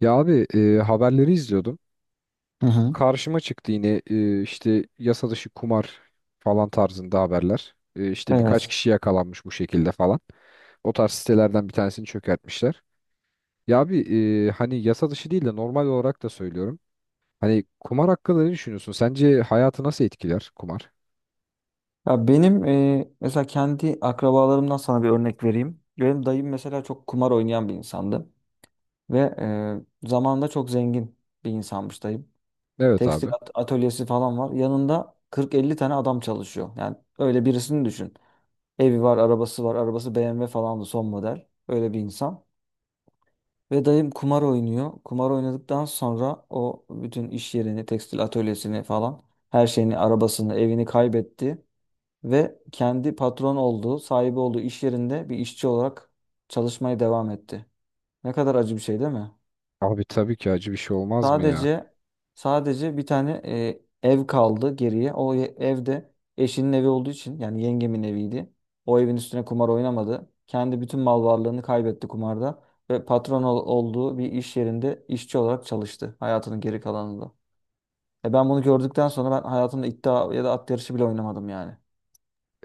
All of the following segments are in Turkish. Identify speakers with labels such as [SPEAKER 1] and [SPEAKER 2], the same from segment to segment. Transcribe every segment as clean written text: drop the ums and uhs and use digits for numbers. [SPEAKER 1] Ya abi, haberleri izliyordum.
[SPEAKER 2] Hı hı.
[SPEAKER 1] Karşıma çıktı yine, işte yasa dışı kumar falan tarzında haberler. E, işte birkaç
[SPEAKER 2] Evet.
[SPEAKER 1] kişi yakalanmış bu şekilde falan. O tarz sitelerden bir tanesini çökertmişler. Ya abi, hani yasa dışı değil de normal olarak da söylüyorum. Hani kumar hakkında ne düşünüyorsun? Sence hayatı nasıl etkiler kumar?
[SPEAKER 2] Ya benim, mesela kendi akrabalarımdan sana bir örnek vereyim. Benim dayım mesela çok kumar oynayan bir insandı ve zamanında çok zengin bir insanmış dayım.
[SPEAKER 1] Evet
[SPEAKER 2] Tekstil
[SPEAKER 1] abi.
[SPEAKER 2] atölyesi falan var. Yanında 40-50 tane adam çalışıyor. Yani öyle birisini düşün. Evi var, arabası var. Arabası BMW falandı son model. Öyle bir insan. Ve dayım kumar oynuyor. Kumar oynadıktan sonra o bütün iş yerini, tekstil atölyesini falan her şeyini, arabasını, evini kaybetti. Ve kendi patron olduğu, sahibi olduğu iş yerinde bir işçi olarak çalışmaya devam etti. Ne kadar acı bir şey değil mi?
[SPEAKER 1] Abi tabii ki acı bir şey olmaz mı ya?
[SPEAKER 2] Sadece sadece bir tane ev kaldı geriye. O ev de eşinin evi olduğu için yani yengemin eviydi. O evin üstüne kumar oynamadı. Kendi bütün mal varlığını kaybetti kumarda ve patron olduğu bir iş yerinde işçi olarak çalıştı hayatının geri kalanında. Ben bunu gördükten sonra ben hayatımda iddia ya da at yarışı bile oynamadım yani.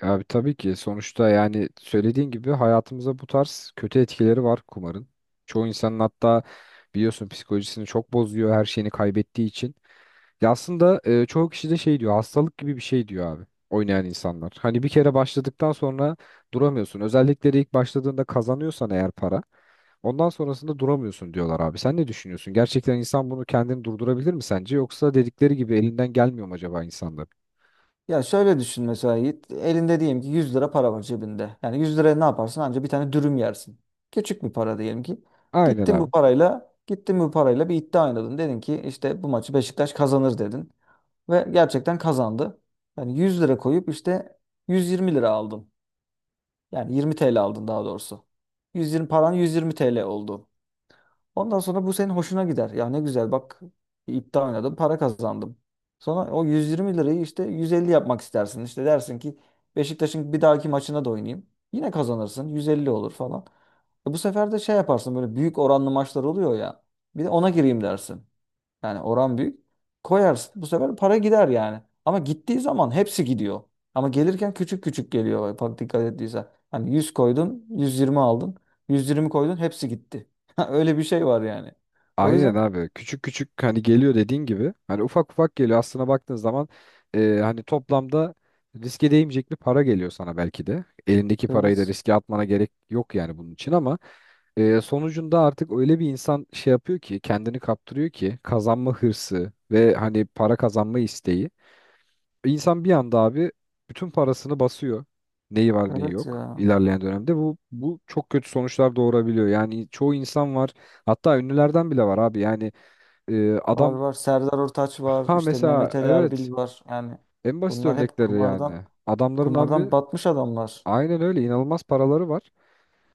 [SPEAKER 1] Abi tabii ki sonuçta yani söylediğin gibi hayatımıza bu tarz kötü etkileri var kumarın. Çoğu insanın hatta biliyorsun psikolojisini çok bozuyor her şeyini kaybettiği için. Ya aslında çoğu kişi de şey diyor, hastalık gibi bir şey diyor abi oynayan insanlar. Hani bir kere başladıktan sonra duramıyorsun. Özellikle de ilk başladığında kazanıyorsan eğer para, ondan sonrasında duramıyorsun diyorlar abi. Sen ne düşünüyorsun? Gerçekten insan bunu kendini durdurabilir mi sence? Yoksa dedikleri gibi elinden gelmiyor mu acaba insanların?
[SPEAKER 2] Ya şöyle düşün mesela Yiğit. Elinde diyelim ki 100 lira para var cebinde. Yani 100 liraya ne yaparsın? Anca bir tane dürüm yersin. Küçük bir para diyelim ki.
[SPEAKER 1] Aynen
[SPEAKER 2] Gittin bu
[SPEAKER 1] abi.
[SPEAKER 2] parayla, gittin bu parayla bir iddia oynadın. Dedin ki işte bu maçı Beşiktaş kazanır dedin. Ve gerçekten kazandı. Yani 100 lira koyup işte 120 lira aldın. Yani 20 TL aldın daha doğrusu. 120 paran 120 TL oldu. Ondan sonra bu senin hoşuna gider. Ya ne güzel bak, iddia oynadım, para kazandım. Sonra o 120 lirayı işte 150 yapmak istersin. İşte dersin ki Beşiktaş'ın bir dahaki maçına da oynayayım. Yine kazanırsın. 150 olur falan. Bu sefer de şey yaparsın, böyle büyük oranlı maçlar oluyor ya. Bir de ona gireyim dersin. Yani oran büyük. Koyarsın. Bu sefer para gider yani. Ama gittiği zaman hepsi gidiyor. Ama gelirken küçük küçük geliyor. Bak, dikkat ettiysen. Hani 100 koydun, 120 aldın. 120 koydun, hepsi gitti. Öyle bir şey var yani. O
[SPEAKER 1] Aynen
[SPEAKER 2] yüzden,
[SPEAKER 1] abi. Küçük küçük hani geliyor dediğin gibi. Hani ufak ufak geliyor. Aslına baktığın zaman hani toplamda riske değmeyecek bir para geliyor sana belki de. Elindeki parayı da
[SPEAKER 2] evet.
[SPEAKER 1] riske atmana gerek yok yani bunun için ama sonucunda artık öyle bir insan şey yapıyor ki, kendini kaptırıyor ki kazanma hırsı ve hani para kazanma isteği. İnsan bir anda abi bütün parasını basıyor. Neyi var neyi
[SPEAKER 2] Evet
[SPEAKER 1] yok
[SPEAKER 2] ya.
[SPEAKER 1] ilerleyen dönemde bu çok kötü sonuçlar doğurabiliyor. Yani çoğu insan var, hatta ünlülerden bile var abi yani,
[SPEAKER 2] Var
[SPEAKER 1] adam,
[SPEAKER 2] var. Serdar Ortaç var.
[SPEAKER 1] ha
[SPEAKER 2] İşte Mehmet
[SPEAKER 1] mesela
[SPEAKER 2] Ali
[SPEAKER 1] evet,
[SPEAKER 2] Erbil var. Yani
[SPEAKER 1] en basit
[SPEAKER 2] bunlar hep
[SPEAKER 1] örnekleri
[SPEAKER 2] kumardan
[SPEAKER 1] yani. Adamların abi
[SPEAKER 2] kumardan batmış adamlar.
[SPEAKER 1] aynen öyle inanılmaz paraları var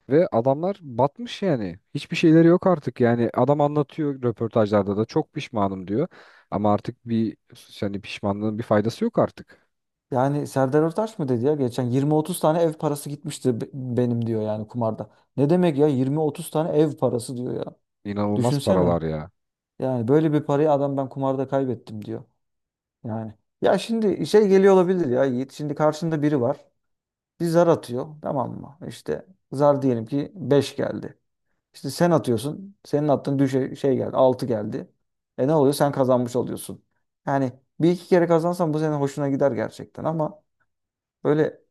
[SPEAKER 1] ve adamlar batmış yani. Hiçbir şeyleri yok artık. Yani adam anlatıyor röportajlarda da, çok pişmanım diyor. Ama artık bir, yani pişmanlığın bir faydası yok artık.
[SPEAKER 2] Yani Serdar Ortaç mı dedi ya, geçen 20-30 tane ev parası gitmişti benim diyor yani kumarda. Ne demek ya 20-30 tane ev parası diyor ya.
[SPEAKER 1] İnanılmaz
[SPEAKER 2] Düşünsene.
[SPEAKER 1] paralar ya.
[SPEAKER 2] Yani böyle bir parayı adam ben kumarda kaybettim diyor. Yani ya şimdi şey geliyor olabilir ya Yiğit. Şimdi karşında biri var. Bir zar atıyor tamam mı? İşte zar diyelim ki 5 geldi. İşte sen atıyorsun. Senin attığın düşe şey geldi, altı geldi. Ne oluyor? Sen kazanmış oluyorsun. Yani bir iki kere kazansan bu senin hoşuna gider gerçekten, ama böyle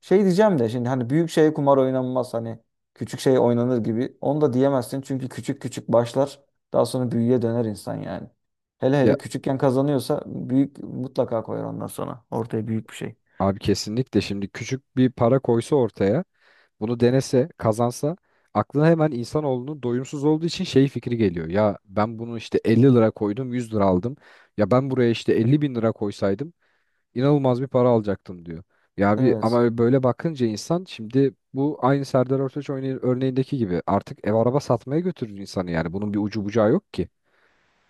[SPEAKER 2] şey diyeceğim de şimdi, hani büyük şeye kumar oynanmaz, hani küçük şey oynanır gibi. Onu da diyemezsin çünkü küçük küçük başlar, daha sonra büyüye döner insan yani. Hele
[SPEAKER 1] Ya
[SPEAKER 2] hele küçükken kazanıyorsa büyük mutlaka koyar ondan sonra ortaya büyük bir şey.
[SPEAKER 1] abi kesinlikle, şimdi küçük bir para koysa ortaya, bunu denese, kazansa aklına hemen, insanoğlunun doyumsuz olduğu için, şey fikri geliyor. Ya ben bunu işte 50 lira koydum, 100 lira aldım. Ya ben buraya işte 50 bin lira koysaydım inanılmaz bir para alacaktım diyor. Ya bir
[SPEAKER 2] Evet.
[SPEAKER 1] ama böyle bakınca insan, şimdi bu aynı Serdar Ortaç örneğindeki gibi artık ev araba satmaya götürür insanı yani. Bunun bir ucu bucağı yok ki.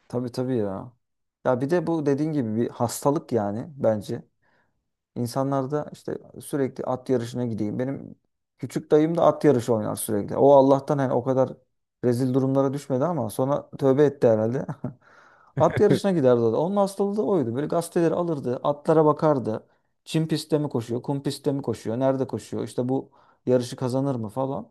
[SPEAKER 2] Tabii tabii ya. Ya bir de bu dediğin gibi bir hastalık yani bence. İnsanlar da işte sürekli at yarışına gideyim. Benim küçük dayım da at yarışı oynar sürekli. O Allah'tan hani o kadar rezil durumlara düşmedi ama sonra tövbe etti herhalde. At yarışına giderdi o da. Onun hastalığı da oydu. Böyle gazeteleri alırdı, atlara bakardı. Çim pistte mi koşuyor, kum pistte mi koşuyor, nerede koşuyor? İşte bu yarışı kazanır mı falan.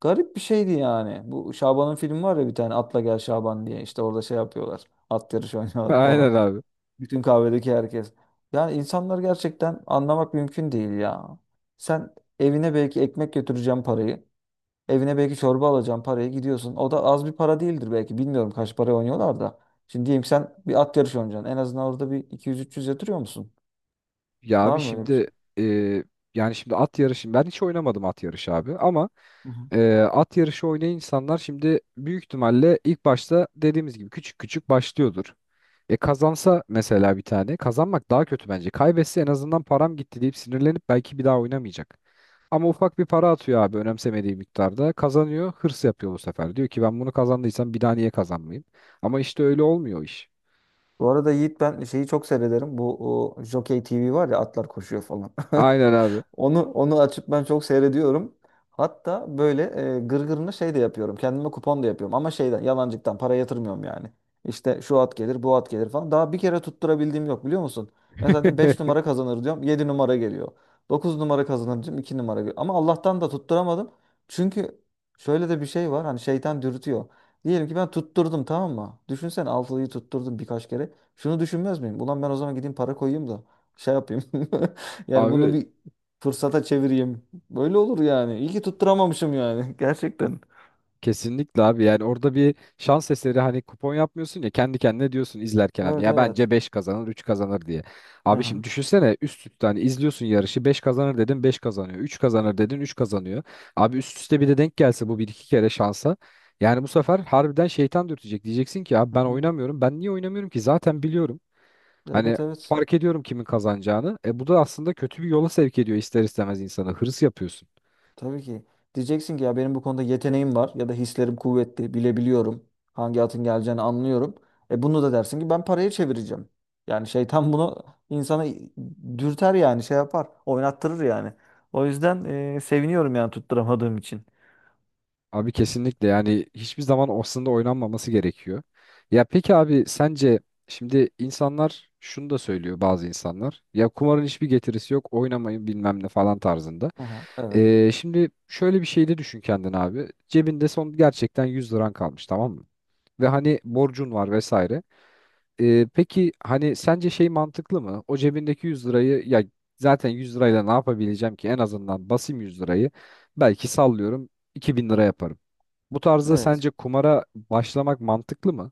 [SPEAKER 2] Garip bir şeydi yani. Bu Şaban'ın filmi var ya, bir tane Atla Gel Şaban diye. İşte orada şey yapıyorlar. At yarışı oynuyorlar falan.
[SPEAKER 1] Aynen abi.
[SPEAKER 2] Bütün kahvedeki herkes. Yani insanlar gerçekten anlamak mümkün değil ya. Sen evine belki ekmek götüreceğim parayı. Evine belki çorba alacağım parayı gidiyorsun. O da az bir para değildir belki. Bilmiyorum kaç para oynuyorlar da. Şimdi diyeyim sen bir at yarışı oynayacaksın. En azından orada bir 200, 300 yatırıyor musun?
[SPEAKER 1] Ya
[SPEAKER 2] Var
[SPEAKER 1] abi
[SPEAKER 2] mı öyle bir şey?
[SPEAKER 1] şimdi e, yani şimdi at yarışı, ben hiç oynamadım at yarışı abi ama
[SPEAKER 2] Hı hı.
[SPEAKER 1] at yarışı oynayan insanlar şimdi büyük ihtimalle ilk başta dediğimiz gibi küçük küçük başlıyordur. E kazansa mesela, bir tane kazanmak daha kötü bence. Kaybetse en azından param gitti deyip sinirlenip belki bir daha oynamayacak. Ama ufak bir para atıyor abi önemsemediği miktarda. Kazanıyor, hırs yapıyor bu sefer. Diyor ki ben bunu kazandıysam bir daha niye kazanmayayım? Ama işte öyle olmuyor o iş.
[SPEAKER 2] Bu arada Yiğit, ben şeyi çok seyrederim. Bu Jockey TV var ya, atlar koşuyor falan.
[SPEAKER 1] Aynen abi.
[SPEAKER 2] Onu açıp ben çok seyrediyorum. Hatta böyle, gırgırını şey de yapıyorum. Kendime kupon da yapıyorum. Ama şeyden yalancıktan para yatırmıyorum yani. İşte şu at gelir, bu at gelir falan. Daha bir kere tutturabildiğim yok, biliyor musun? Mesela diyorum 5 numara kazanır diyorum. Yedi numara geliyor. Dokuz numara kazanır diyorum. İki numara geliyor. Ama Allah'tan da tutturamadım. Çünkü şöyle de bir şey var. Hani şeytan dürtüyor. Diyelim ki ben tutturdum tamam mı? Düşünsene, altılıyı tutturdum birkaç kere. Şunu düşünmez miyim? Ulan ben o zaman gideyim para koyayım da şey yapayım. Yani bunu
[SPEAKER 1] Abi
[SPEAKER 2] bir fırsata çevireyim. Böyle olur yani. İyi ki tutturamamışım yani. Gerçekten.
[SPEAKER 1] kesinlikle abi, yani orada bir şans eseri hani kupon yapmıyorsun ya, kendi kendine diyorsun izlerken hani,
[SPEAKER 2] Evet
[SPEAKER 1] ya
[SPEAKER 2] evet.
[SPEAKER 1] bence 5 kazanır, 3 kazanır diye.
[SPEAKER 2] Hı
[SPEAKER 1] Abi
[SPEAKER 2] hı.
[SPEAKER 1] şimdi düşünsene üst üste hani izliyorsun yarışı, 5 kazanır dedin 5 kazanıyor, 3 kazanır dedin 3 kazanıyor. Abi üst üste bir de denk gelse bu bir iki kere şansa, yani bu sefer harbiden şeytan dürtecek, diyeceksin ki abi
[SPEAKER 2] Hı
[SPEAKER 1] ben
[SPEAKER 2] hı.
[SPEAKER 1] oynamıyorum, ben niye oynamıyorum ki zaten biliyorum hani,
[SPEAKER 2] Evet evet.
[SPEAKER 1] fark ediyorum kimin kazanacağını. E bu da aslında kötü bir yola sevk ediyor ister istemez insana, hırs yapıyorsun.
[SPEAKER 2] Tabii ki. Diyeceksin ki ya benim bu konuda yeteneğim var ya da hislerim kuvvetli. Bilebiliyorum. Hangi atın geleceğini anlıyorum. Bunu da dersin ki ben paraya çevireceğim. Yani şeytan bunu insana dürter yani şey yapar. Oynattırır yani. O yüzden, seviniyorum yani tutturamadığım için.
[SPEAKER 1] Abi kesinlikle, yani hiçbir zaman aslında oynanmaması gerekiyor. Ya peki abi, sence şimdi insanlar şunu da söylüyor bazı insanlar. Ya kumarın hiçbir getirisi yok, oynamayın bilmem ne falan tarzında.
[SPEAKER 2] Aha, evet.
[SPEAKER 1] Şimdi şöyle bir şey de düşün kendin abi. Cebinde son gerçekten 100 liran kalmış, tamam mı? Ve hani borcun var vesaire. Peki hani sence şey mantıklı mı? O cebindeki 100 lirayı, ya zaten 100 lirayla ne yapabileceğim ki? En azından basayım 100 lirayı. Belki sallıyorum 2.000 lira yaparım. Bu tarzda
[SPEAKER 2] Evet.
[SPEAKER 1] sence kumara başlamak mantıklı mı?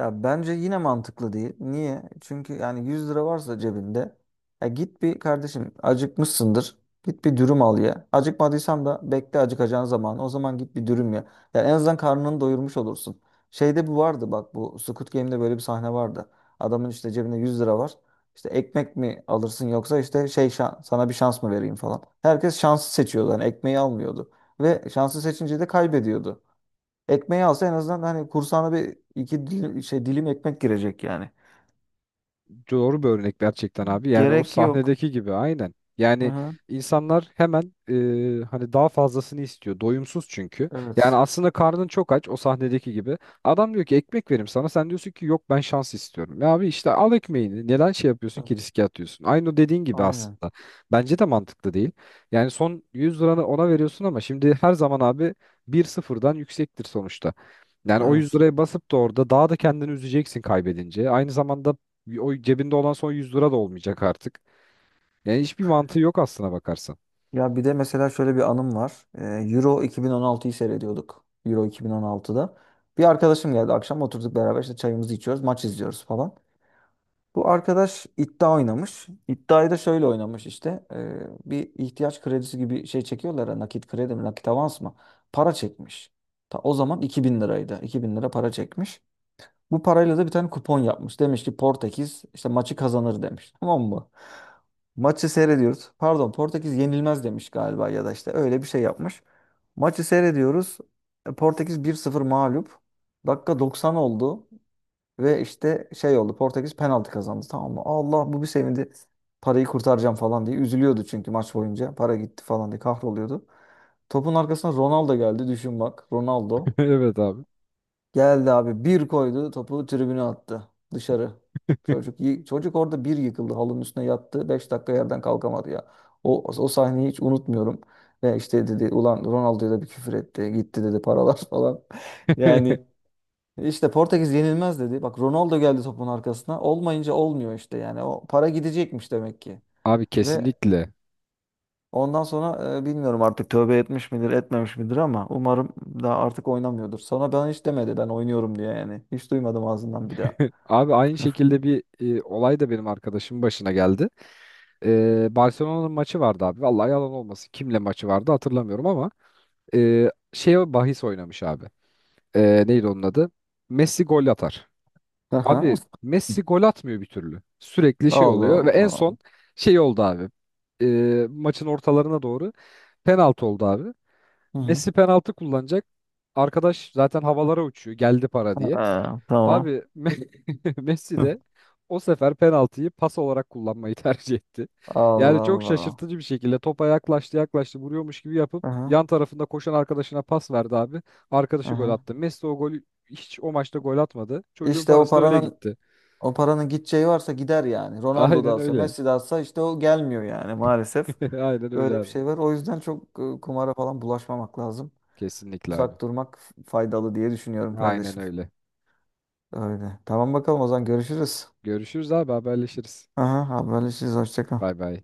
[SPEAKER 2] Ya bence yine mantıklı değil. Niye? Çünkü yani 100 lira varsa cebinde, ya git bir kardeşim, acıkmışsındır. Git bir dürüm al ye. Acıkmadıysan da bekle acıkacağın zaman. O zaman git bir dürüm ye. Ya en azından karnını doyurmuş olursun. Şeyde bu vardı bak, bu Squid Game'de böyle bir sahne vardı. Adamın işte cebinde 100 lira var. İşte ekmek mi alırsın yoksa işte şey sana bir şans mı vereyim falan. Herkes şansı seçiyordu. Yani ekmeği almıyordu. Ve şansı seçince de kaybediyordu. Ekmeği alsa en azından hani kursağına bir iki dilim, şey, dilim ekmek girecek yani.
[SPEAKER 1] Doğru bir örnek gerçekten abi. Yani o
[SPEAKER 2] Gerek yok.
[SPEAKER 1] sahnedeki gibi aynen.
[SPEAKER 2] Hı
[SPEAKER 1] Yani
[SPEAKER 2] hı.
[SPEAKER 1] insanlar hemen hani daha fazlasını istiyor. Doyumsuz çünkü. Yani
[SPEAKER 2] Evet.
[SPEAKER 1] aslında karnın çok aç o sahnedeki gibi. Adam diyor ki ekmek verim sana. Sen diyorsun ki yok, ben şans istiyorum. Ya abi işte al ekmeğini. Neden şey yapıyorsun
[SPEAKER 2] Evet.
[SPEAKER 1] ki, riske atıyorsun? Aynı o dediğin gibi
[SPEAKER 2] Aynen.
[SPEAKER 1] aslında. Bence de mantıklı değil. Yani son 100 liranı ona veriyorsun ama şimdi her zaman abi bir sıfırdan yüksektir sonuçta. Yani o 100
[SPEAKER 2] Evet.
[SPEAKER 1] liraya basıp da orada daha da kendini üzeceksin kaybedince. Aynı zamanda o cebinde olan son 100 lira da olmayacak artık. Yani hiçbir mantığı yok aslına bakarsan.
[SPEAKER 2] Ya bir de mesela şöyle bir anım var. Euro 2016'yı seyrediyorduk. Euro 2016'da. Bir arkadaşım geldi akşam oturduk beraber işte çayımızı içiyoruz, maç izliyoruz falan. Bu arkadaş iddia oynamış. İddiayı da şöyle oynamış işte. Bir ihtiyaç kredisi gibi şey çekiyorlar ya, nakit kredi mi, nakit avans mı? Para çekmiş. Ta o zaman 2000 liraydı. 2000 lira para çekmiş. Bu parayla da bir tane kupon yapmış. Demiş ki Portekiz işte maçı kazanır demiş. Tamam mı? Maçı seyrediyoruz. Pardon, Portekiz yenilmez demiş galiba, ya da işte öyle bir şey yapmış. Maçı seyrediyoruz. Portekiz 1-0 mağlup. Dakika 90 oldu ve işte şey oldu. Portekiz penaltı kazandı tamam mı? Allah bu bir sevindi. Parayı kurtaracağım falan diye üzülüyordu çünkü maç boyunca. Para gitti falan diye kahroluyordu. Topun arkasına Ronaldo geldi, düşün bak. Ronaldo.
[SPEAKER 1] Evet abi.
[SPEAKER 2] Geldi abi bir koydu, topu tribüne attı dışarı. Çocuk orada bir yıkıldı, halının üstüne yattı. 5 dakika yerden kalkamadı ya. O sahneyi hiç unutmuyorum. Ve işte dedi, ulan Ronaldo'ya da bir küfür etti. Gitti dedi paralar falan. Yani işte Portekiz yenilmez dedi. Bak Ronaldo geldi topun arkasına. Olmayınca olmuyor işte yani. O para gidecekmiş demek ki.
[SPEAKER 1] Abi
[SPEAKER 2] Ve
[SPEAKER 1] kesinlikle.
[SPEAKER 2] ondan sonra, bilmiyorum artık tövbe etmiş midir etmemiş midir ama umarım daha artık oynamıyordur. Sonra ben hiç demedi ben oynuyorum diye yani. Hiç duymadım ağzından bir daha.
[SPEAKER 1] Abi aynı şekilde bir olay da benim arkadaşımın başına geldi. Barcelona'nın maçı vardı abi. Vallahi yalan olmasın. Kimle maçı vardı hatırlamıyorum ama şey bahis oynamış abi. Neydi onun adı? Messi gol atar.
[SPEAKER 2] Aha.
[SPEAKER 1] Abi Messi gol atmıyor bir türlü. Sürekli şey
[SPEAKER 2] Allah
[SPEAKER 1] oluyor ve en
[SPEAKER 2] Allah.
[SPEAKER 1] son şey oldu abi. E, maçın ortalarına doğru penaltı oldu abi.
[SPEAKER 2] Hı hı.
[SPEAKER 1] Messi penaltı kullanacak. Arkadaş zaten havalara uçuyor. Geldi para diye.
[SPEAKER 2] Ha, tamam.
[SPEAKER 1] Abi Messi
[SPEAKER 2] Hı.
[SPEAKER 1] de o sefer penaltıyı pas olarak kullanmayı tercih etti. Yani
[SPEAKER 2] Allah
[SPEAKER 1] çok
[SPEAKER 2] Allah.
[SPEAKER 1] şaşırtıcı bir şekilde topa yaklaştı yaklaştı, vuruyormuş gibi yapıp
[SPEAKER 2] Aha,
[SPEAKER 1] yan tarafında koşan arkadaşına pas verdi abi. Arkadaşı gol
[SPEAKER 2] aha.
[SPEAKER 1] attı. Messi o golü hiç o maçta gol atmadı. Çocuğun
[SPEAKER 2] İşte o
[SPEAKER 1] parası da öyle
[SPEAKER 2] paranın
[SPEAKER 1] gitti.
[SPEAKER 2] o paranın gideceği varsa gider yani. Ronaldo da
[SPEAKER 1] Aynen
[SPEAKER 2] alsa,
[SPEAKER 1] öyle.
[SPEAKER 2] Messi de alsa işte o gelmiyor yani, maalesef.
[SPEAKER 1] Aynen öyle
[SPEAKER 2] Öyle bir
[SPEAKER 1] abi.
[SPEAKER 2] şey var. O yüzden çok, kumara falan bulaşmamak lazım.
[SPEAKER 1] Kesinlikle abi.
[SPEAKER 2] Uzak durmak faydalı diye düşünüyorum
[SPEAKER 1] Aynen
[SPEAKER 2] kardeşim.
[SPEAKER 1] öyle.
[SPEAKER 2] Öyle. Tamam bakalım, o zaman görüşürüz.
[SPEAKER 1] Görüşürüz abi, haberleşiriz.
[SPEAKER 2] Aha, haberleşiriz. Hoşça kal.
[SPEAKER 1] Bay bay.